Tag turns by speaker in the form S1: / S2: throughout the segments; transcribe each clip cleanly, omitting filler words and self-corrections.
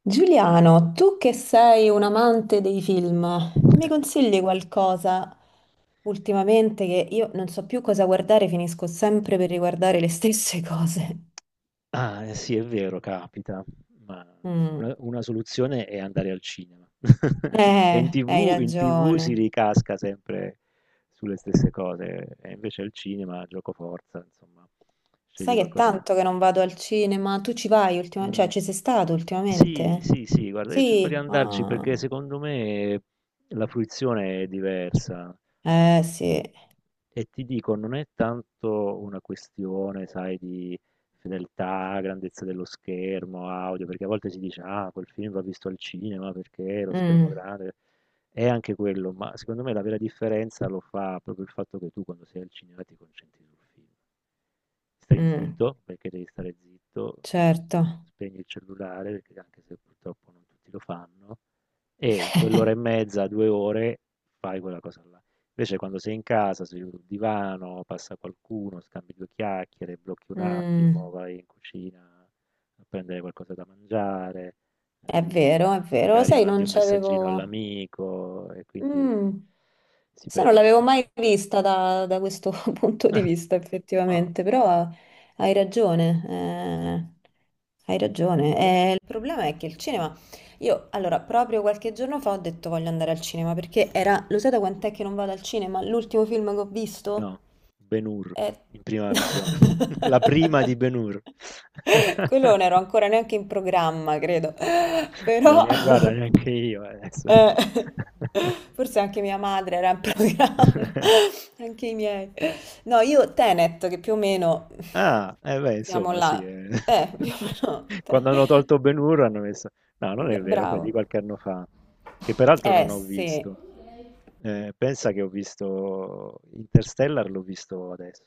S1: Giuliano, tu che sei un amante dei film, mi consigli qualcosa ultimamente che io non so più cosa guardare, finisco sempre per riguardare le stesse cose.
S2: Ah, eh sì, è vero, capita, ma
S1: Mm.
S2: una soluzione è andare al cinema. Perché in
S1: Hai
S2: TV in TV
S1: ragione.
S2: si ricasca sempre sulle stesse cose, e invece al cinema giocoforza, insomma, scegli
S1: Sai che è
S2: qualcosa di
S1: tanto che non vado al cinema, tu ci vai ultimamente,
S2: mh.
S1: ci sei stato
S2: Sì,
S1: ultimamente?
S2: sì, sì, guarda, io cerco di
S1: Sì,
S2: andarci
S1: ah.
S2: perché secondo me la fruizione è diversa.
S1: Eh sì.
S2: E ti dico, non è tanto una questione, sai, di fedeltà, grandezza dello schermo, audio, perché a volte si dice, ah, quel film va visto al cinema perché lo schermo
S1: Mm,
S2: grande è anche quello, ma secondo me la vera differenza lo fa proprio il fatto che tu quando sei al cinema ti concentri sul film. Stai
S1: mm,
S2: zitto, perché devi stare zitto,
S1: certo.
S2: spegni il cellulare, perché anche se purtroppo non tutti lo fanno, e in quell'ora e mezza, 2 ore, fai quella cosa là. Invece quando sei in casa, seduto sul divano, passa qualcuno, scambi due chiacchiere, blocchi un attimo,
S1: Mm,
S2: vai in cucina a prendere qualcosa da mangiare, eh,
S1: è vero, lo
S2: magari
S1: sai,
S2: mandi
S1: non
S2: un messaggino
S1: c'avevo.
S2: all'amico e quindi
S1: Mm.
S2: si
S1: Sai, non
S2: perde un
S1: l'avevo
S2: po'.
S1: mai vista da questo punto di vista,
S2: Ah,
S1: effettivamente, però hai ragione, hai ragione.
S2: eh,
S1: Il problema è che il cinema, io allora proprio qualche giorno fa ho detto voglio andare al cinema perché era, lo sai da quant'è che non vado al cinema? L'ultimo film che ho visto
S2: no, Ben-Hur
S1: è...
S2: in prima visione. La prima di Ben-Hur.
S1: Quello non ero ancora neanche in programma, credo,
S2: Beh,
S1: però...
S2: ne guarda neanche io adesso,
S1: Eh,
S2: insomma.
S1: forse anche mia madre era in programma, anche i miei. No, io Tenet, che più o meno
S2: Ah, eh beh,
S1: siamo
S2: insomma,
S1: là.
S2: sì. Eh.
S1: Più o meno.
S2: Quando hanno tolto Ben Hur hanno messo... No, non è vero, beh, di
S1: Bravo.
S2: qualche anno fa, che peraltro
S1: Eh
S2: non ho
S1: sì,
S2: visto. Pensa che ho visto Interstellar, l'ho visto adesso,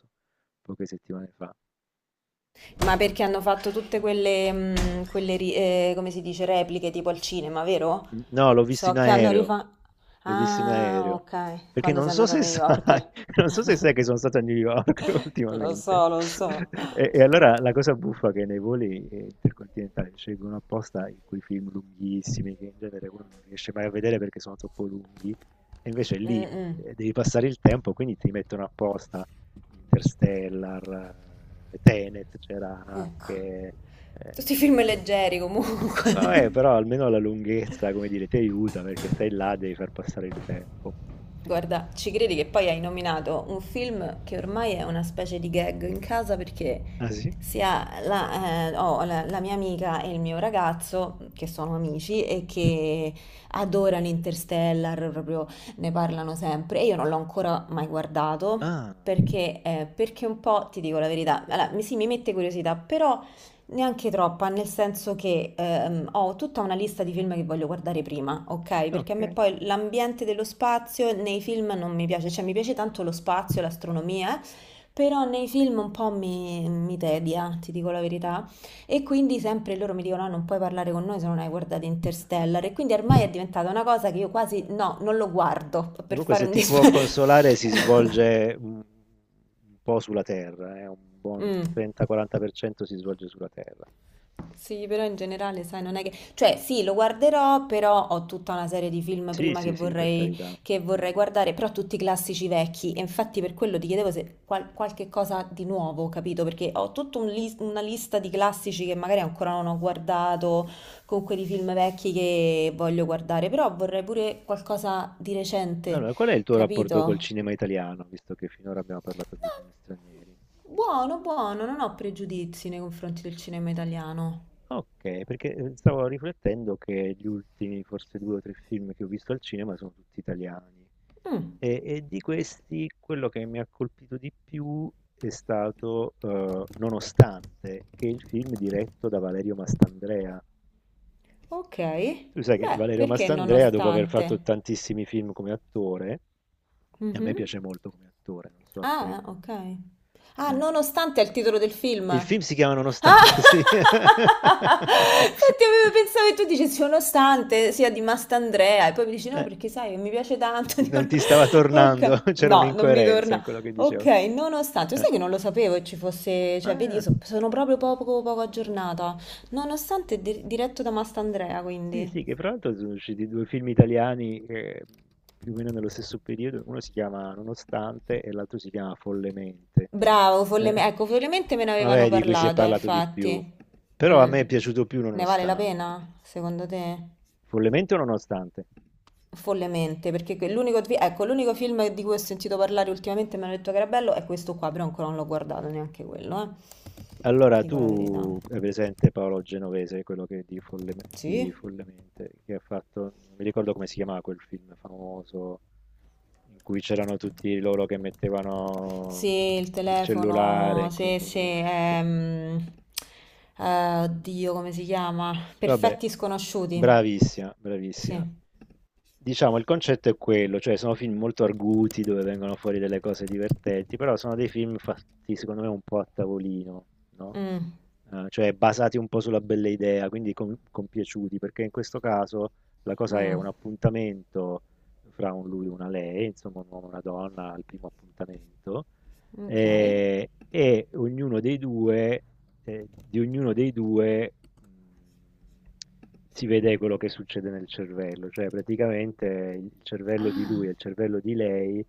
S2: poche settimane fa.
S1: ma perché hanno fatto tutte quelle, quelle come si dice, repliche tipo al cinema, vero?
S2: No, l'ho visto in
S1: So che hanno
S2: aereo.
S1: rifatto...
S2: L'ho visto in
S1: Ah,
S2: aereo.
S1: ok,
S2: Perché
S1: quando
S2: non
S1: sei
S2: so
S1: andato a
S2: se
S1: New
S2: sai
S1: York.
S2: non so se sai che sono stato a New York
S1: Lo
S2: ultimamente
S1: so, lo so.
S2: e allora la cosa buffa è che nei voli, intercontinentali scelgono apposta i quei film lunghissimi, che in genere uno non riesce mai a vedere perché sono troppo lunghi, e invece lì,
S1: Mm, mm.
S2: devi passare il tempo, quindi ti mettono apposta Interstellar, Tenet c'era
S1: Ecco.
S2: anche, ehm
S1: Tutti i film leggeri
S2: No,
S1: comunque.
S2: però almeno la lunghezza, come dire, ti aiuta perché stai là, devi far passare il tempo.
S1: Guarda, ci credi che poi hai nominato un film che ormai è una specie di gag in casa perché
S2: Ah sì?
S1: sia la, la mia amica e il mio ragazzo, che sono amici e
S2: Mhm.
S1: che adorano Interstellar, proprio ne parlano sempre e io non l'ho ancora mai guardato
S2: Ah,
S1: perché, perché un po', ti dico la verità, allora, sì, mi mette curiosità, però... Neanche troppa, nel senso che ho tutta una lista di film che voglio guardare prima, ok? Perché a
S2: ok.
S1: me
S2: E
S1: poi l'ambiente dello spazio nei film non mi piace, cioè mi piace tanto lo spazio, l'astronomia, però nei film un po' mi tedia, ti dico la verità. E quindi sempre loro mi dicono: "Ah, non puoi parlare con noi se non hai guardato Interstellar. E quindi ormai è diventata una cosa che io quasi no, non lo guardo per
S2: comunque
S1: fare
S2: se
S1: un
S2: ti può consolare
S1: dispetto.
S2: si svolge un po' sulla Terra, un buon 30-40% si svolge sulla Terra.
S1: Sì, però in generale, sai, non è che... Cioè, sì, lo guarderò, però ho tutta una serie di film
S2: Sì,
S1: prima
S2: sì, sì, per carità.
S1: che vorrei guardare, però tutti classici vecchi. E infatti per quello ti chiedevo se qualche cosa di nuovo, capito? Perché ho tutta una lista di classici che magari ancora non ho guardato, comunque di film vecchi che voglio guardare, però vorrei pure qualcosa di recente,
S2: Allora, qual è il tuo rapporto col
S1: capito?
S2: cinema italiano, visto che finora abbiamo parlato di
S1: No,
S2: film stranieri?
S1: buono, buono, non ho pregiudizi nei confronti del cinema italiano.
S2: Ok, perché stavo riflettendo che gli ultimi, forse due o tre film che ho visto al cinema sono tutti italiani.
S1: Mm.
S2: E di questi quello che mi ha colpito di più è stato Nonostante, che è il film diretto da Valerio Mastandrea.
S1: Okay.
S2: Tu sai che
S1: Beh,
S2: Valerio
S1: perché
S2: Mastandrea, dopo aver fatto
S1: nonostante?
S2: tantissimi film come attore, e a me
S1: Mh-mh.
S2: piace molto come attore, non so a
S1: Ah,
S2: te,
S1: okay. Ah,
S2: eh,
S1: nonostante è il titolo del film.
S2: il
S1: Ah!
S2: film si chiama Nonostante, sì.
S1: Infatti avevo pensato che tu dicessi nonostante sia di Mastandrea e poi mi dici no
S2: Eh,
S1: perché sai che mi piace tanto. Dico,
S2: non
S1: no.
S2: ti stava
S1: Ok,
S2: tornando, c'era
S1: no, non mi
S2: un'incoerenza in
S1: torna.
S2: quello che
S1: Ok,
S2: dicevo.
S1: nonostante,
S2: Eh,
S1: sai che non lo sapevo che ci fosse, cioè vedi,
S2: ah.
S1: sono proprio poco, poco aggiornata. Nonostante è diretto da Mastandrea,
S2: Sì, sì,
S1: quindi.
S2: che fra l'altro sono usciti due film italiani più o meno nello stesso periodo, uno si chiama Nonostante e l'altro si chiama Follemente.
S1: Bravo,
S2: Eh,
S1: ecco, follemente me ne avevano
S2: vabbè, di cui si è
S1: parlato,
S2: parlato di più,
S1: infatti.
S2: però a
S1: Mm.
S2: me è piaciuto più
S1: Ne vale la
S2: Nonostante.
S1: pena, secondo te?
S2: Follemente o Nonostante?
S1: Follemente, perché ecco, l'unico film di cui ho sentito parlare ultimamente e mi hanno detto che era bello è questo qua, però ancora non l'ho guardato neanche quello, eh.
S2: Allora,
S1: Dico la verità.
S2: tu hai presente Paolo Genovese, quello che di, Folle- di
S1: Sì?
S2: Follemente, che ha fatto, non mi ricordo come si chiamava quel film famoso, in cui c'erano tutti loro che mettevano
S1: Sì, il
S2: il cellulare
S1: telefono,
S2: in
S1: sì, sì,
S2: comune. Cioè.
S1: oddio, come si chiama?
S2: Vabbè,
S1: Perfetti sconosciuti,
S2: bravissima,
S1: sì.
S2: bravissima. Diciamo, il concetto è quello, cioè sono film molto arguti dove vengono fuori delle cose divertenti, però sono dei film fatti secondo me un po' a tavolino, no?
S1: Mm,
S2: Eh, cioè basati un po' sulla bella idea, quindi com- compiaciuti, perché in questo caso la cosa è
S1: mm,
S2: un appuntamento fra un lui e una lei, insomma un uomo e una donna al primo appuntamento,
S1: ok.
S2: e ognuno dei due, di ognuno dei due mh, si vede quello che succede nel cervello, cioè praticamente il cervello di lui
S1: Ah.
S2: e il cervello di lei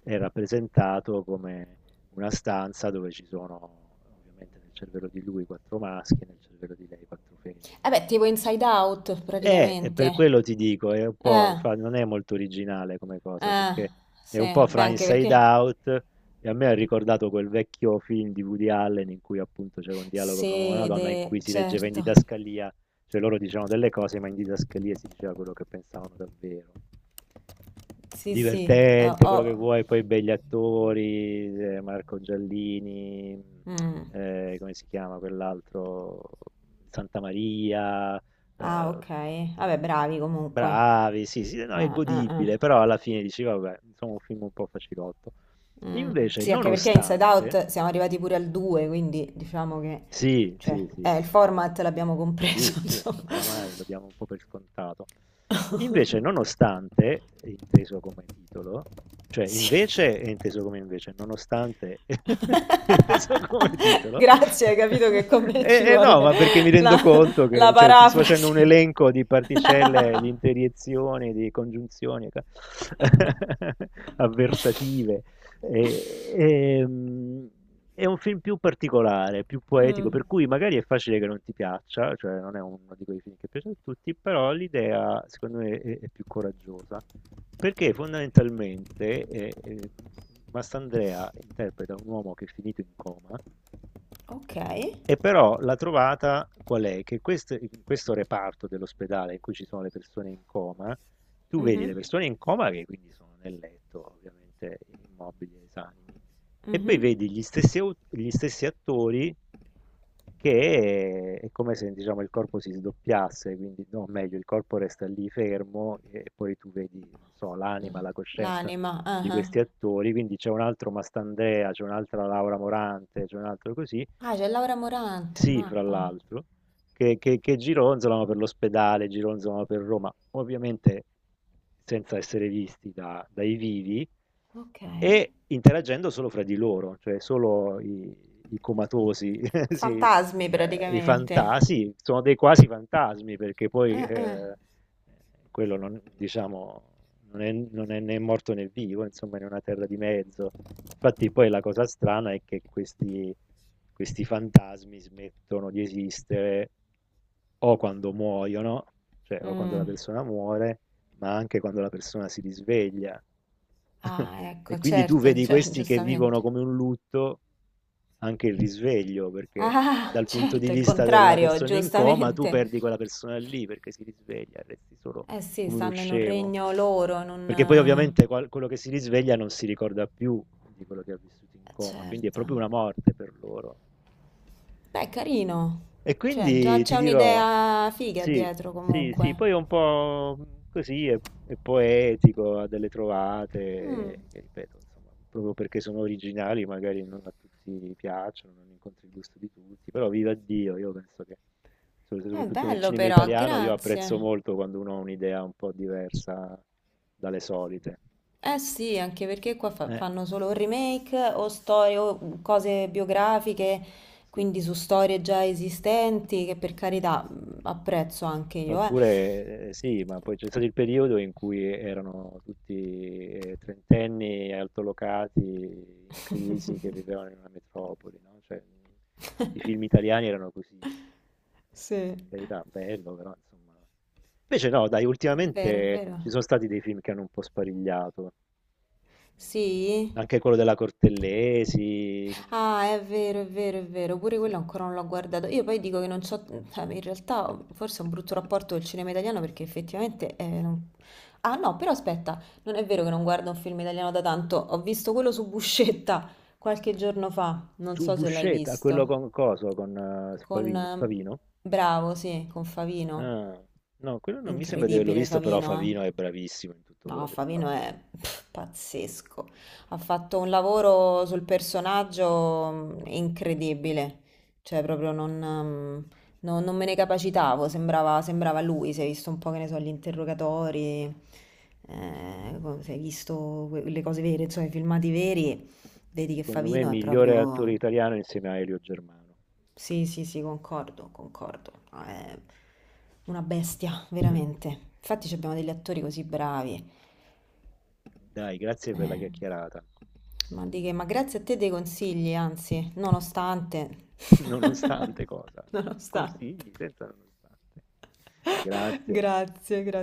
S2: è rappresentato come una stanza dove ci sono, ovviamente nel cervello di lui, quattro maschi e nel cervello di lei quattro
S1: Eh
S2: femmine.
S1: beh, tipo Inside Out
S2: E
S1: praticamente.
S2: per quello ti dico, è un po',
S1: Eh,
S2: infa- non è molto originale come cosa,
S1: eh,
S2: perché è un po'
S1: sì, beh,
S2: fra
S1: anche
S2: Inside
S1: perché.
S2: Out e a me ha ricordato quel vecchio film di Woody Allen in cui appunto c'era un dialogo fra un uomo e una donna in
S1: Sede,
S2: cui si leggeva in
S1: certo.
S2: didascalia, cioè loro dicevano delle cose, ma in didascalia si diceva quello che pensavano davvero.
S1: Sì, sì.
S2: Divertente, quello che vuoi, poi begli attori, Marco Giallini,
S1: Mm.
S2: come si chiama quell'altro? Santa Maria,
S1: Ah,
S2: eh,
S1: ok. Vabbè, bravi comunque.
S2: bravi, sì, sì, no, è
S1: Ah, ah,
S2: godibile,
S1: ah.
S2: però alla fine dici, vabbè, insomma, un film un po' facilotto.
S1: Mm.
S2: Invece,
S1: Sì, anche perché Inside
S2: nonostante,
S1: Out siamo arrivati pure al 2, quindi diciamo che.
S2: sì,
S1: Cioè,
S2: sì, sì,
S1: il
S2: fra l'altro.
S1: format l'abbiamo
S2: Sì,
S1: compreso,
S2: sì,
S1: insomma.
S2: insomma, oramai lo diamo un po' per scontato. Invece, nonostante, è inteso come titolo, cioè
S1: Sì.
S2: invece è inteso come invece, nonostante è inteso come titolo,
S1: Grazie, hai capito che con me ci
S2: e no,
S1: vuole
S2: ma perché mi
S1: la,
S2: rendo conto che
S1: la
S2: cioè, ti sto facendo un
S1: parafrasi.
S2: elenco di particelle, di interiezioni, di congiunzioni ca- avversative. E, ehm, è un film più particolare, più poetico,
S1: Mm,
S2: per cui magari è facile che non ti piaccia, cioè non è uno di quei film che piace a tutti, però l'idea secondo me è più coraggiosa, perché fondamentalmente Mastandrea interpreta un uomo che è finito in coma
S1: ok.
S2: e però la trovata qual è? Che quest- in questo reparto dell'ospedale in cui ci sono le persone in coma, tu vedi le
S1: Mhm,
S2: persone in coma che quindi sono nel letto, ovviamente immobili, e esanimi, e poi
S1: mhm.
S2: vedi gli stessi, au- gli stessi attori che è come se diciamo, il corpo si sdoppiasse, quindi no, meglio, il corpo resta lì fermo e poi tu vedi, non so,
S1: L-
S2: l'anima, la coscienza
S1: L'anima. Ah,
S2: di
S1: ah.
S2: questi attori, quindi c'è un altro Mastandrea, c'è un'altra Laura Morante, c'è un altro così,
S1: Ah, c'è Laura Morante,
S2: sì, fra
S1: mappa.
S2: l'altro, che gironzolano per l'ospedale, gironzolano per Roma, ovviamente senza essere visti da- dai vivi
S1: Ok.
S2: e interagendo solo fra di loro, cioè solo i, i comatosi, si-
S1: Fantasmi
S2: i
S1: praticamente.
S2: fantasi, sono dei quasi fantasmi perché poi
S1: Ah, ah.
S2: quello non, diciamo, non è, non è né morto né vivo, insomma, in una terra di mezzo. Infatti, poi la cosa strana è che questi, questi fantasmi smettono di esistere o quando muoiono, cioè o quando la
S1: Mm.
S2: persona muore, ma anche quando la persona si risveglia.
S1: Ah,
S2: E
S1: ecco,
S2: quindi tu
S1: certo,
S2: vedi
S1: cioè,
S2: questi che
S1: giustamente.
S2: vivono come un lutto anche il risveglio, perché
S1: Ah,
S2: dal punto di
S1: certo, il
S2: vista della
S1: contrario,
S2: persona in coma tu
S1: giustamente.
S2: perdi quella persona lì perché si risveglia, resti solo
S1: Eh sì,
S2: come uno
S1: stanno in un
S2: scemo.
S1: regno loro,
S2: Perché poi
S1: non...
S2: ovviamente qual- quello che si risveglia non si ricorda più di quello che ha vissuto in coma, quindi è
S1: Certo.
S2: proprio una morte per loro.
S1: Beh, carino.
S2: E
S1: Cioè, già
S2: quindi ti
S1: c'è
S2: dirò,
S1: un'idea figa
S2: sì,
S1: dietro
S2: sì, sì,
S1: comunque.
S2: poi è un po' così, è poetico, ha delle
S1: Mm,
S2: trovate, che ripeto, insomma, proprio perché sono originali, magari non a tutti piacciono, non incontri il gusto di tutti, però viva Dio, io penso che, sop-
S1: è
S2: soprattutto nel
S1: bello
S2: cinema
S1: però,
S2: italiano, io apprezzo
S1: grazie.
S2: molto quando uno ha un'idea un po' diversa dalle solite.
S1: Eh sì, anche perché qua
S2: Eh,
S1: fanno solo remake o storie o cose biografiche,
S2: sì.
S1: quindi su storie già esistenti, che per carità, mm, apprezzo anche io, eh.
S2: Oppure sì, ma poi c'è stato il periodo in cui erano tutti trentenni altolocati in crisi che vivevano in una metropoli, no? Cioè, tutti i film italiani erano così.
S1: Sì. È
S2: Per carità, bello, però insomma. Invece no, dai,
S1: vero, è
S2: ultimamente ci
S1: vero.
S2: sono stati dei film che hanno un po' sparigliato. Mm,
S1: Sì?
S2: anche quello della Cortellesi,
S1: Ah, è
S2: mm,
S1: vero, è vero, è
S2: mm,
S1: vero, pure quello
S2: eh,
S1: ancora non l'ho guardato. Io poi dico che non so, cioè, in realtà forse ho un brutto rapporto col cinema italiano perché effettivamente... Ah no, però aspetta, non è vero che non guardo un film italiano da tanto, ho visto quello su Buscetta qualche giorno fa, non so se l'hai
S2: Subusceta, quello
S1: visto,
S2: con coso, con
S1: con...
S2: Favino, Favino.
S1: bravo, sì, con Favino.
S2: Ah, no, quello non mi sembra di averlo
S1: Incredibile
S2: visto, però
S1: Favino, eh.
S2: Favino è bravissimo in tutto quello
S1: No,
S2: che
S1: Favino
S2: fa.
S1: è pff, pazzesco. Ha fatto un lavoro sul personaggio, mm, incredibile. Cioè, proprio non, mm, non me ne capacitavo. Sembrava, sembrava lui. Si è visto un po', che ne so, gli interrogatori, si è visto le cose vere, insomma, i filmati veri. Vedi che
S2: Secondo me,
S1: Favino è
S2: migliore attore
S1: proprio.
S2: italiano insieme a Elio Germano.
S1: Sì, sì, sì, concordo, concordo. No, è una bestia, veramente. Infatti, ci abbiamo degli attori così bravi.
S2: Dai, grazie per la
S1: Eh,
S2: chiacchierata.
S1: ma di che? Ma grazie a te dei consigli, anzi, nonostante.
S2: Nonostante cosa?
S1: Nonostante.
S2: Consigli senza nonostante. Grazie.
S1: Grazie, grazie.